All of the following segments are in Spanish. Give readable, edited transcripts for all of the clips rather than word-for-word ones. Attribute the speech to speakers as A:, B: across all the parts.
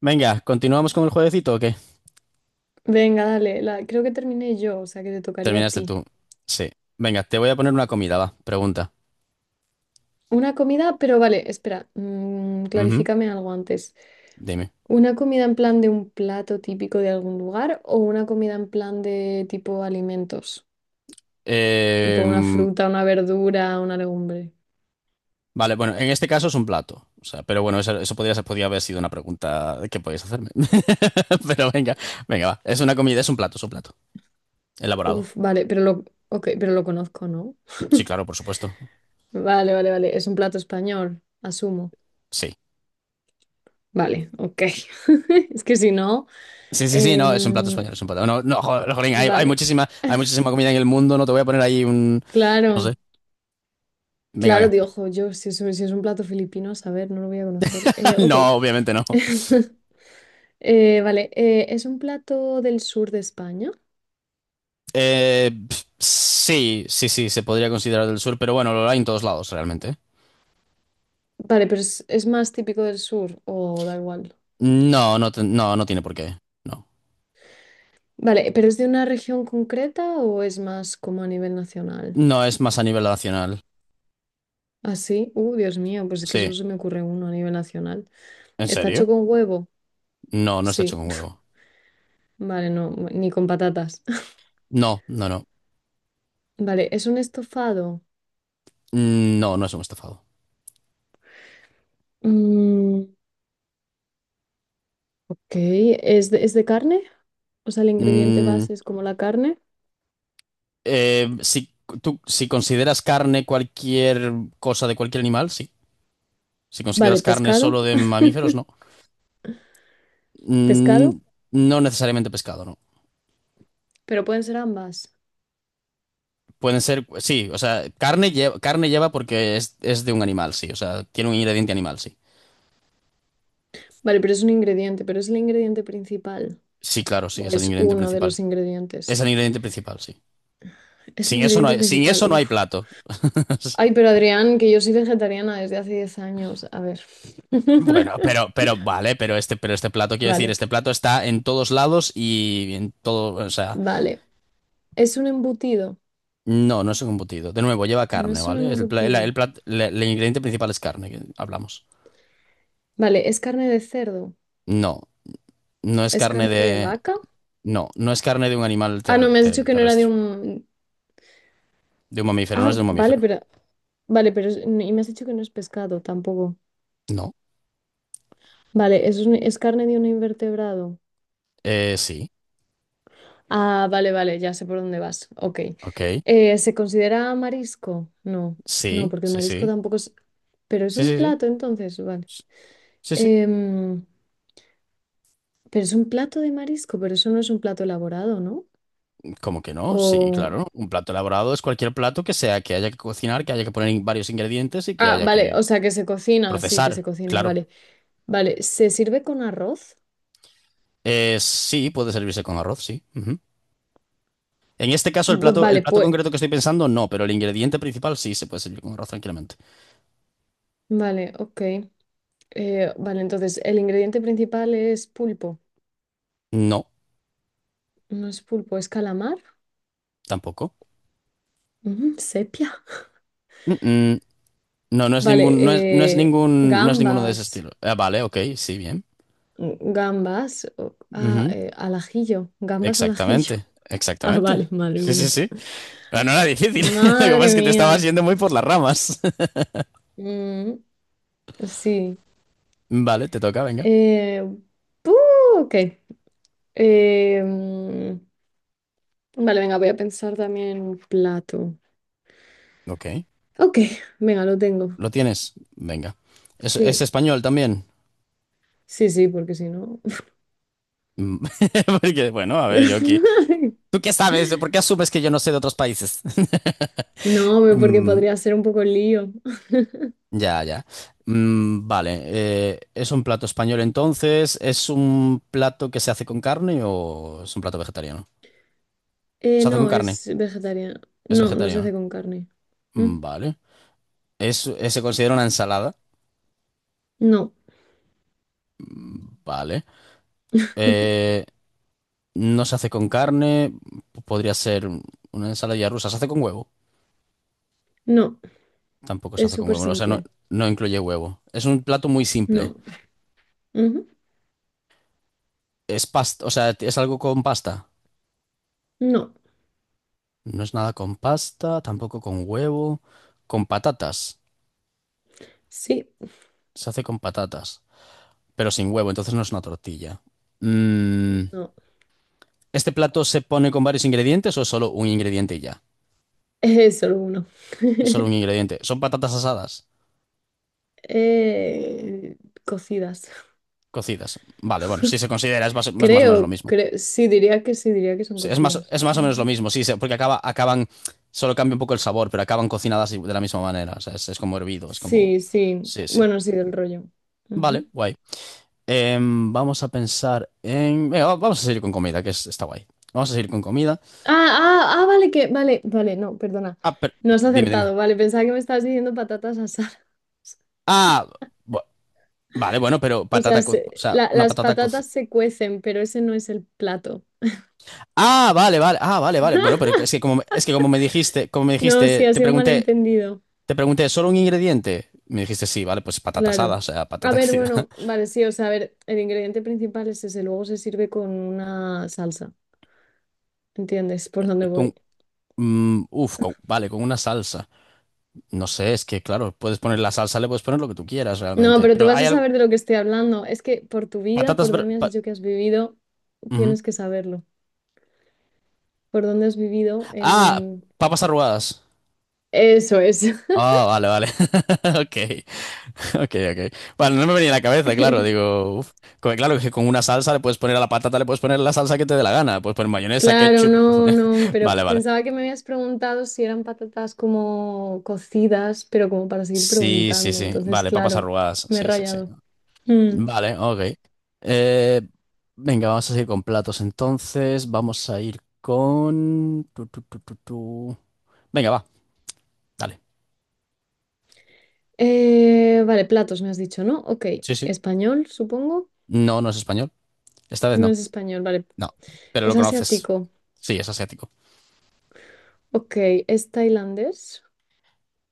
A: Venga, ¿continuamos con el jueguecito o qué?
B: Venga, dale, la, creo que terminé yo, o sea que te tocaría a
A: Terminaste
B: ti.
A: tú. Sí. Venga, te voy a poner una comida, va. Pregunta.
B: Una comida, pero vale, espera,
A: Ujú.
B: clarifícame algo antes.
A: Dime.
B: ¿Una comida en plan de un plato típico de algún lugar o una comida en plan de tipo alimentos? Tipo una
A: Em,
B: fruta, una verdura, una legumbre.
A: vale, bueno, en este caso es un plato. O sea, pero bueno, eso podría, podría haber sido una pregunta que podías hacerme. Pero venga, venga, va. Es una comida, es un plato, es un plato. Elaborado.
B: Uf, vale, pero lo, ok, pero lo conozco, ¿no?
A: Sí, claro, por supuesto.
B: Vale, vale, vale. Es un plato español, asumo.
A: Sí.
B: Vale, ok. Es que si no.
A: Sí, sí, sí, no, es un plato
B: em,
A: español, es un plato. No, no, jolín, hay,
B: vale,
A: hay muchísima comida en el mundo, no te voy a poner ahí un, no sé.
B: claro.
A: Venga,
B: Claro,
A: venga.
B: digo, "Jo, yo, si es, si es un plato filipino, a saber, no lo voy a conocer. Ok.
A: No, obviamente no.
B: Vale, ¿es un plato del sur de España?
A: Pf, sí, sí, sí, se podría considerar del sur, pero bueno, lo hay en todos lados realmente.
B: Vale, pero es más típico del sur o da igual.
A: No, no, no, no tiene por qué. No.
B: Vale, ¿pero es de una región concreta o es más como a nivel nacional?
A: No, es más a nivel nacional.
B: Así, Dios mío, pues es que
A: Sí.
B: solo se me ocurre uno a nivel nacional.
A: ¿En
B: ¿Está
A: serio?
B: hecho con huevo?
A: No, no está hecho
B: Sí.
A: con huevo.
B: Vale, no, ni con patatas.
A: No, no, no.
B: Vale, ¿es un estofado?
A: No, no es un estofado.
B: Mm, ok, es de carne? O sea, el ingrediente
A: Mm,
B: base es como la carne.
A: eh, si, tú, si consideras carne cualquier cosa de cualquier animal, sí. Si
B: Vale,
A: consideras carne
B: pescado,
A: solo de mamíferos, no. Mm,
B: pescado,
A: no necesariamente pescado, no.
B: pero pueden ser ambas.
A: Pueden ser, sí, o sea, carne lleva porque es de un animal, sí, o sea, tiene un ingrediente animal, sí.
B: Vale, pero es un ingrediente, pero es el ingrediente principal.
A: Sí, claro, sí,
B: O
A: es el
B: es
A: ingrediente
B: uno de los
A: principal. Es
B: ingredientes.
A: el ingrediente principal, sí.
B: Es el
A: Sin eso no
B: ingrediente
A: hay, sin
B: principal,
A: eso no hay
B: uff.
A: plato.
B: Ay, pero Adrián, que yo soy vegetariana desde hace 10 años. A ver.
A: Bueno, pero vale, pero este plato, quiero decir,
B: Vale,
A: este plato está en todos lados y en todo, o sea,
B: vale. Es un embutido.
A: no, no es un embutido. De nuevo, lleva
B: No
A: carne,
B: es un
A: ¿vale? El,
B: embutido.
A: el el ingrediente principal es carne, que hablamos.
B: Vale, es carne de cerdo.
A: No, no es
B: ¿Es
A: carne
B: carne de
A: de,
B: vaca?
A: no, no es carne de un animal
B: Ah, no, me has dicho que no era de
A: terrestre,
B: un...
A: de un mamífero, no es
B: Ah,
A: de un
B: vale,
A: mamífero.
B: pero... Vale, pero... es- Y me has dicho que no es pescado tampoco.
A: No.
B: Vale, ¿es, un- es carne de un invertebrado?
A: Sí.
B: Ah, vale, vale, ya sé por dónde vas. Ok.
A: Ok.
B: ¿Se considera marisco? No, no,
A: Sí,
B: porque el
A: sí,
B: marisco
A: sí.
B: tampoco es... Pero es
A: Sí,
B: un
A: sí,
B: plato,
A: sí.
B: entonces, vale.
A: Sí, sí.
B: Em, pero es un plato de marisco, pero eso no es un plato elaborado, ¿no?
A: ¿Cómo que no? Sí,
B: O...
A: claro. Un plato elaborado es cualquier plato que sea que haya que cocinar, que haya que poner varios ingredientes y que
B: Ah,
A: haya
B: vale,
A: que
B: o sea, que se cocina, sí, que se
A: procesar.
B: cocina,
A: Claro.
B: vale. Vale, ¿se sirve con arroz?
A: Sí, puede servirse con arroz, sí. Ujú. En este caso,
B: V-
A: el
B: vale,
A: plato
B: pues...
A: concreto que estoy pensando, no, pero el ingrediente principal sí se puede servir con arroz tranquilamente.
B: Vale, ok. Vale, entonces, el ingrediente principal es pulpo.
A: No,
B: No es pulpo, es calamar.
A: tampoco.
B: Sepia.
A: Mm, mm. No, no es
B: Vale,
A: ningún, no es, no es ningún, no es ninguno de ese
B: gambas,
A: estilo. Ah, vale, ok, sí, bien.
B: gambas, o- ah, al ajillo, gambas al ajillo.
A: Exactamente,
B: Ah,
A: exactamente.
B: vale, madre
A: Sí, sí,
B: mía.
A: sí. Pero no era difícil. Lo que pasa
B: Madre
A: es que te estabas
B: mía.
A: yendo muy por las ramas.
B: Mm, sí.
A: Vale, te toca, venga.
B: Eh, buh, ok. Eh, mm, vale, venga, voy a pensar también en un plato.
A: Ok.
B: Ok, venga, lo tengo.
A: ¿Lo tienes? Venga. Es
B: Sí,
A: español también?
B: sí, sí, porque si no...
A: Mm. Porque, bueno, a ver, yo aquí. ¿Tú qué sabes? ¿Por qué asumes que yo no sé de otros países?
B: No, porque
A: Mm,
B: podría ser un poco lío.
A: ya, ya. Mm, vale. ¿Es un plato español entonces? ¿Es un plato que se hace con carne o es un plato vegetariano? Se hace con
B: No,
A: carne.
B: es vegetariana.
A: Es
B: No, no se hace
A: vegetariano.
B: con carne. Mm,
A: Mm, vale. ¿Es, se considera una ensalada?
B: No,
A: Vale. Eh, no se hace con carne, podría ser una ensalada rusa. Se hace con huevo.
B: no,
A: Tampoco se
B: es
A: hace con
B: súper
A: huevo, o sea, no,
B: simple.
A: no incluye huevo. Es un plato muy simple.
B: No, ujú,
A: Es pasta, o sea, es algo con pasta.
B: No,
A: No es nada con pasta, tampoco con huevo, con patatas.
B: sí,
A: Se hace con patatas, pero sin huevo, entonces no es una tortilla. Mm,
B: no.
A: ¿este plato se pone con varios ingredientes o es solo un ingrediente y ya?
B: Es solo uno.
A: Es solo un ingrediente. Son patatas asadas,
B: Eh, cocidas.
A: cocidas. Vale, bueno, si se considera es más o menos lo
B: Creo,
A: mismo.
B: creo, sí, diría que son
A: Sí,
B: cocidas.
A: es más o menos lo
B: Ujú.
A: mismo, sí, porque acaba, acaban, solo cambia un poco el sabor, pero acaban cocinadas de la misma manera. O sea, es como hervido, es como.
B: Sí, sí.
A: Sí, sí.
B: Bueno, sí, del rollo.
A: Vale,
B: Ujú.
A: guay. Vamos a pensar en. Venga, vamos a seguir con comida, que está guay. Vamos a seguir con comida.
B: Ah, ah, ah, vale, que, vale, vale, no, perdona.
A: Ah, pero,
B: No has
A: dime, dime.
B: acertado, vale, pensaba que me estabas diciendo patatas asadas.
A: Ah, bu- vale, bueno, pero
B: O sea,
A: patata, o
B: se-
A: sea,
B: la-
A: una
B: las
A: patata
B: patatas
A: cocida.
B: se cuecen, pero ese no es el plato.
A: Ah, vale, vale, ah, vale, vale. Bueno, pero es que como me dijiste,
B: No, sí, ha
A: te
B: sido un
A: pregunté,
B: malentendido.
A: ¿solo un ingrediente? Me dijiste sí, vale, pues patata asada,
B: Claro.
A: o sea,
B: A
A: patata
B: ver,
A: cocida.
B: bueno, vale, sí, o sea, a ver, el ingrediente principal es ese, luego se sirve con una salsa. ¿Entiendes por dónde
A: Con,
B: voy?
A: mm, uf, vale, con una salsa. No sé, es que claro, puedes poner la salsa, le puedes poner lo que tú quieras
B: No,
A: realmente.
B: pero tú
A: Pero
B: vas a
A: hay algo.
B: saber de lo que estoy hablando. Es que por tu vida,
A: Patatas.
B: por donde me has dicho que has vivido,
A: Ujú.
B: tienes que saberlo. Por dónde has vivido
A: Ah,
B: en...
A: papas arrugadas.
B: Eso es.
A: Ah, vale, vale. Ok, ok, ok. Bueno, no me venía a la cabeza, claro. Digo, uf. Claro que con una salsa le puedes poner a la patata, le puedes poner la salsa que te dé la gana. Puedes poner mayonesa,
B: Claro,
A: ketchup. Le puedes
B: no, no,
A: poner.
B: pero
A: Vale, vale.
B: pensaba que me habías preguntado si eran patatas como cocidas, pero como para seguir
A: Sí, sí,
B: preguntando.
A: sí.
B: Entonces,
A: Vale, papas
B: claro,
A: arrugadas.
B: me he
A: Sí, sí, sí.
B: rayado. Mm,
A: Vale, ok. Eh, venga, vamos a seguir con platos entonces. Vamos a ir con... tu, tu, tu, tu, tu. Venga, va, dale.
B: vale, platos me has dicho, ¿no? Ok,
A: Sí, sí.
B: español, supongo.
A: No, no es español. Esta vez
B: No
A: no.
B: es español, vale.
A: No, pero lo
B: Es
A: conoces.
B: asiático.
A: Sí, es asiático.
B: Ok, es tailandés,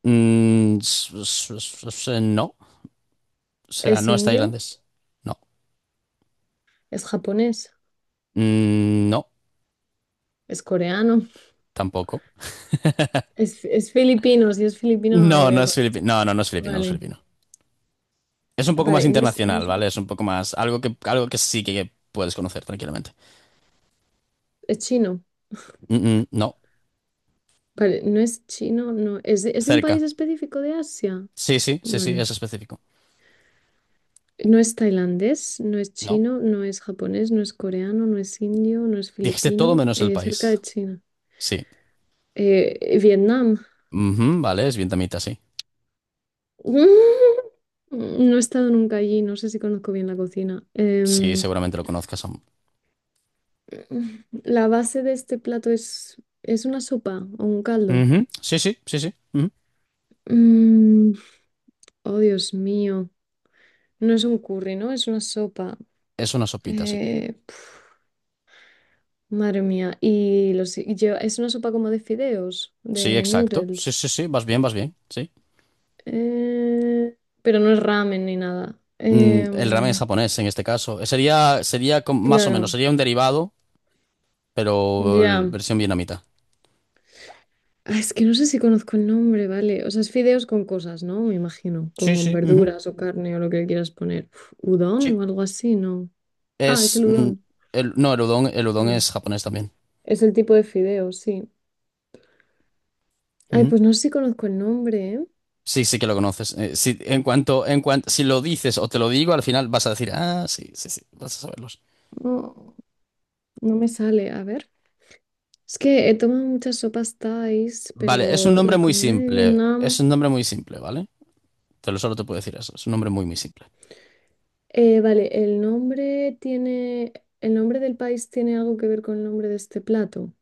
A: Mm, no. O sea,
B: es
A: no es
B: indio,
A: tailandés. No.
B: es japonés,
A: Mm, no,
B: es coreano,
A: tampoco.
B: es filipino. Si es filipino no
A: No,
B: lo voy
A: no
B: a
A: es
B: conocer.
A: filipino. No, no, no es filipino, no es
B: Vale,
A: filipino. Es un poco más
B: vale, no es, no
A: internacional,
B: es,
A: ¿vale? Es un poco más... algo que sí que puedes conocer tranquilamente.
B: es chino.
A: Mm, mm, no.
B: Vale, no es chino, no. Es de un
A: Cerca.
B: país específico de Asia?
A: Sí, sí, sí, sí,
B: Vale.
A: es específico.
B: No es tailandés, no es
A: No.
B: chino, no es japonés, no es coreano, no es indio, no es
A: Dijiste todo
B: filipino.
A: menos el
B: Cerca
A: país.
B: de China.
A: Sí.
B: Vietnam.
A: Ujú, vale, es vietnamita, sí.
B: No he estado nunca allí, no sé si conozco bien la cocina.
A: Sí, seguramente lo conozcas aún.
B: La base de este plato es una sopa o un caldo.
A: Ujú. Sí, sí, sí, sí, ujú.
B: Mm, oh, Dios mío. No es un curry, ¿no? Es una sopa.
A: Es una sopita, sí.
B: Eh, Madre mía. Y los, y lleva- es una sopa como de fideos,
A: Sí,
B: de
A: exacto. Sí,
B: noodles.
A: sí, sí, vas bien, sí.
B: Eh, pero no es ramen ni nada.
A: Mm, el ramen es japonés en este caso. Sería, sería más o menos,
B: Claro,
A: sería un derivado, pero
B: ya.
A: versión vietnamita.
B: Ah, es que no sé si conozco el nombre, ¿vale? O sea, es fideos con cosas, ¿no? Me imagino.
A: Sí,
B: Con
A: sí, ujú.
B: verduras o carne o lo que le quieras poner. Uf,
A: Sí.
B: ¿Udon o algo así? No. Ah, es
A: Es,
B: el
A: mm,
B: udon.
A: el, no, el udon
B: No.
A: es japonés también.
B: Es el tipo de fideos, sí. Ay, pues no sé si conozco el nombre, ¿eh?
A: Sí, sí que lo conoces. Sí, en cuanto, si lo dices o te lo digo, al final vas a decir, ah, sí, sí, sí, vas a saberlos.
B: No, no me sale. A ver. Es que he tomado muchas sopas Thais,
A: Vale, es un
B: pero
A: nombre
B: la
A: muy
B: comida de
A: simple. Es
B: Vietnam.
A: un nombre muy simple, ¿vale? Te lo solo te puedo decir eso. Es un nombre muy, muy simple.
B: Vale, el nombre tiene. ¿El nombre del país tiene algo que ver con el nombre de este plato?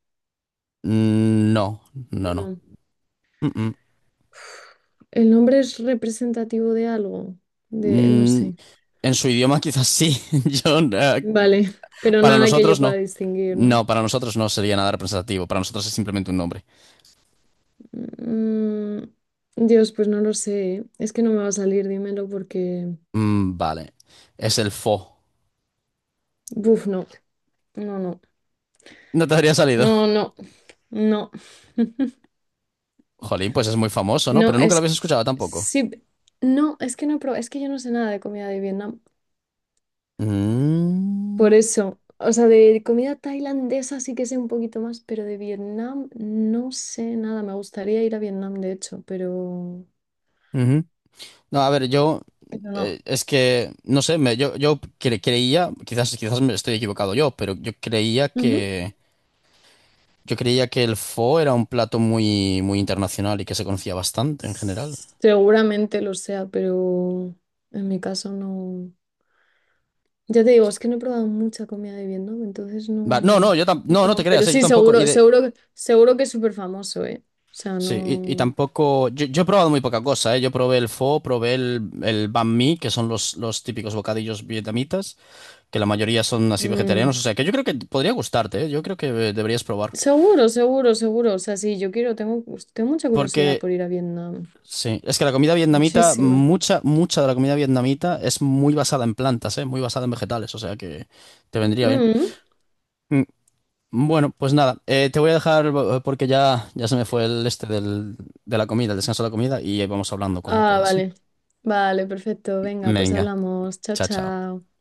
A: Mm, no, no, no.
B: No.
A: Mm, mm.
B: ¿El nombre es representativo de algo? De, no
A: Mm,
B: sé.
A: en su idioma quizás sí. Yo,
B: Vale, pero
A: para
B: nada que yo
A: nosotros
B: pueda
A: no.
B: distinguir, ¿no?
A: No, para nosotros no sería nada representativo. Para nosotros es simplemente un nombre.
B: Mm, Dios, pues no lo sé. ¿Eh? Es que no me va a salir, dímelo, porque.
A: Mm, vale. Es el Fo.
B: Buf, no. No, no.
A: No te habría salido.
B: No, no. No.
A: Jolín, pues es muy famoso, ¿no? Pero
B: No,
A: nunca lo
B: es
A: habías
B: que
A: escuchado tampoco.
B: sí, no, es que no, pero es que yo no sé nada de comida de Vietnam. Por
A: Mm,
B: eso, o sea, de comida tailandesa sí que sé un poquito más, pero de Vietnam no sé nada. Me gustaría ir a Vietnam, de hecho,
A: ujú. No, a ver, yo
B: pero no.
A: es que no sé, me, yo creía, quizás, quizás me estoy equivocado yo, pero yo creía
B: Ujú.
A: que el pho era un plato muy, muy internacional y que se conocía bastante en general.
B: Seguramente lo sea, pero en mi caso no. Ya te digo, es que no he probado mucha comida de Vietnam, entonces
A: Va, no, no,
B: no.
A: yo no, no te
B: No,
A: creas,
B: pero
A: yo
B: sí,
A: tampoco, y
B: seguro,
A: de
B: seguro, seguro que es súper famoso, ¿eh? O sea,
A: sí, y
B: no.
A: tampoco. Yo he probado muy poca cosa, eh. Yo probé el pho, probé el banh mi, que son los típicos bocadillos vietnamitas, que la mayoría son así
B: mm,
A: vegetarianos. O sea que yo creo que podría gustarte, eh. Yo creo que deberías probar.
B: Seguro, seguro, seguro. O sea, sí, yo quiero, tengo, tengo mucha curiosidad
A: Porque,
B: por ir a Vietnam.
A: sí, es que la comida vietnamita,
B: Muchísima.
A: mucha, mucha de la comida vietnamita es muy basada en plantas, ¿eh? Muy basada en vegetales, o sea que te vendría bien.
B: Mm.
A: Mm, bueno, pues nada, te voy a dejar porque ya, ya se me fue el este del, de la comida, el descanso de la comida, y vamos hablando cuando
B: Ah,
A: puedas, ¿sí?
B: vale. Vale, perfecto. Venga, pues
A: Venga,
B: hablamos. Chao,
A: chao, chao.
B: chao.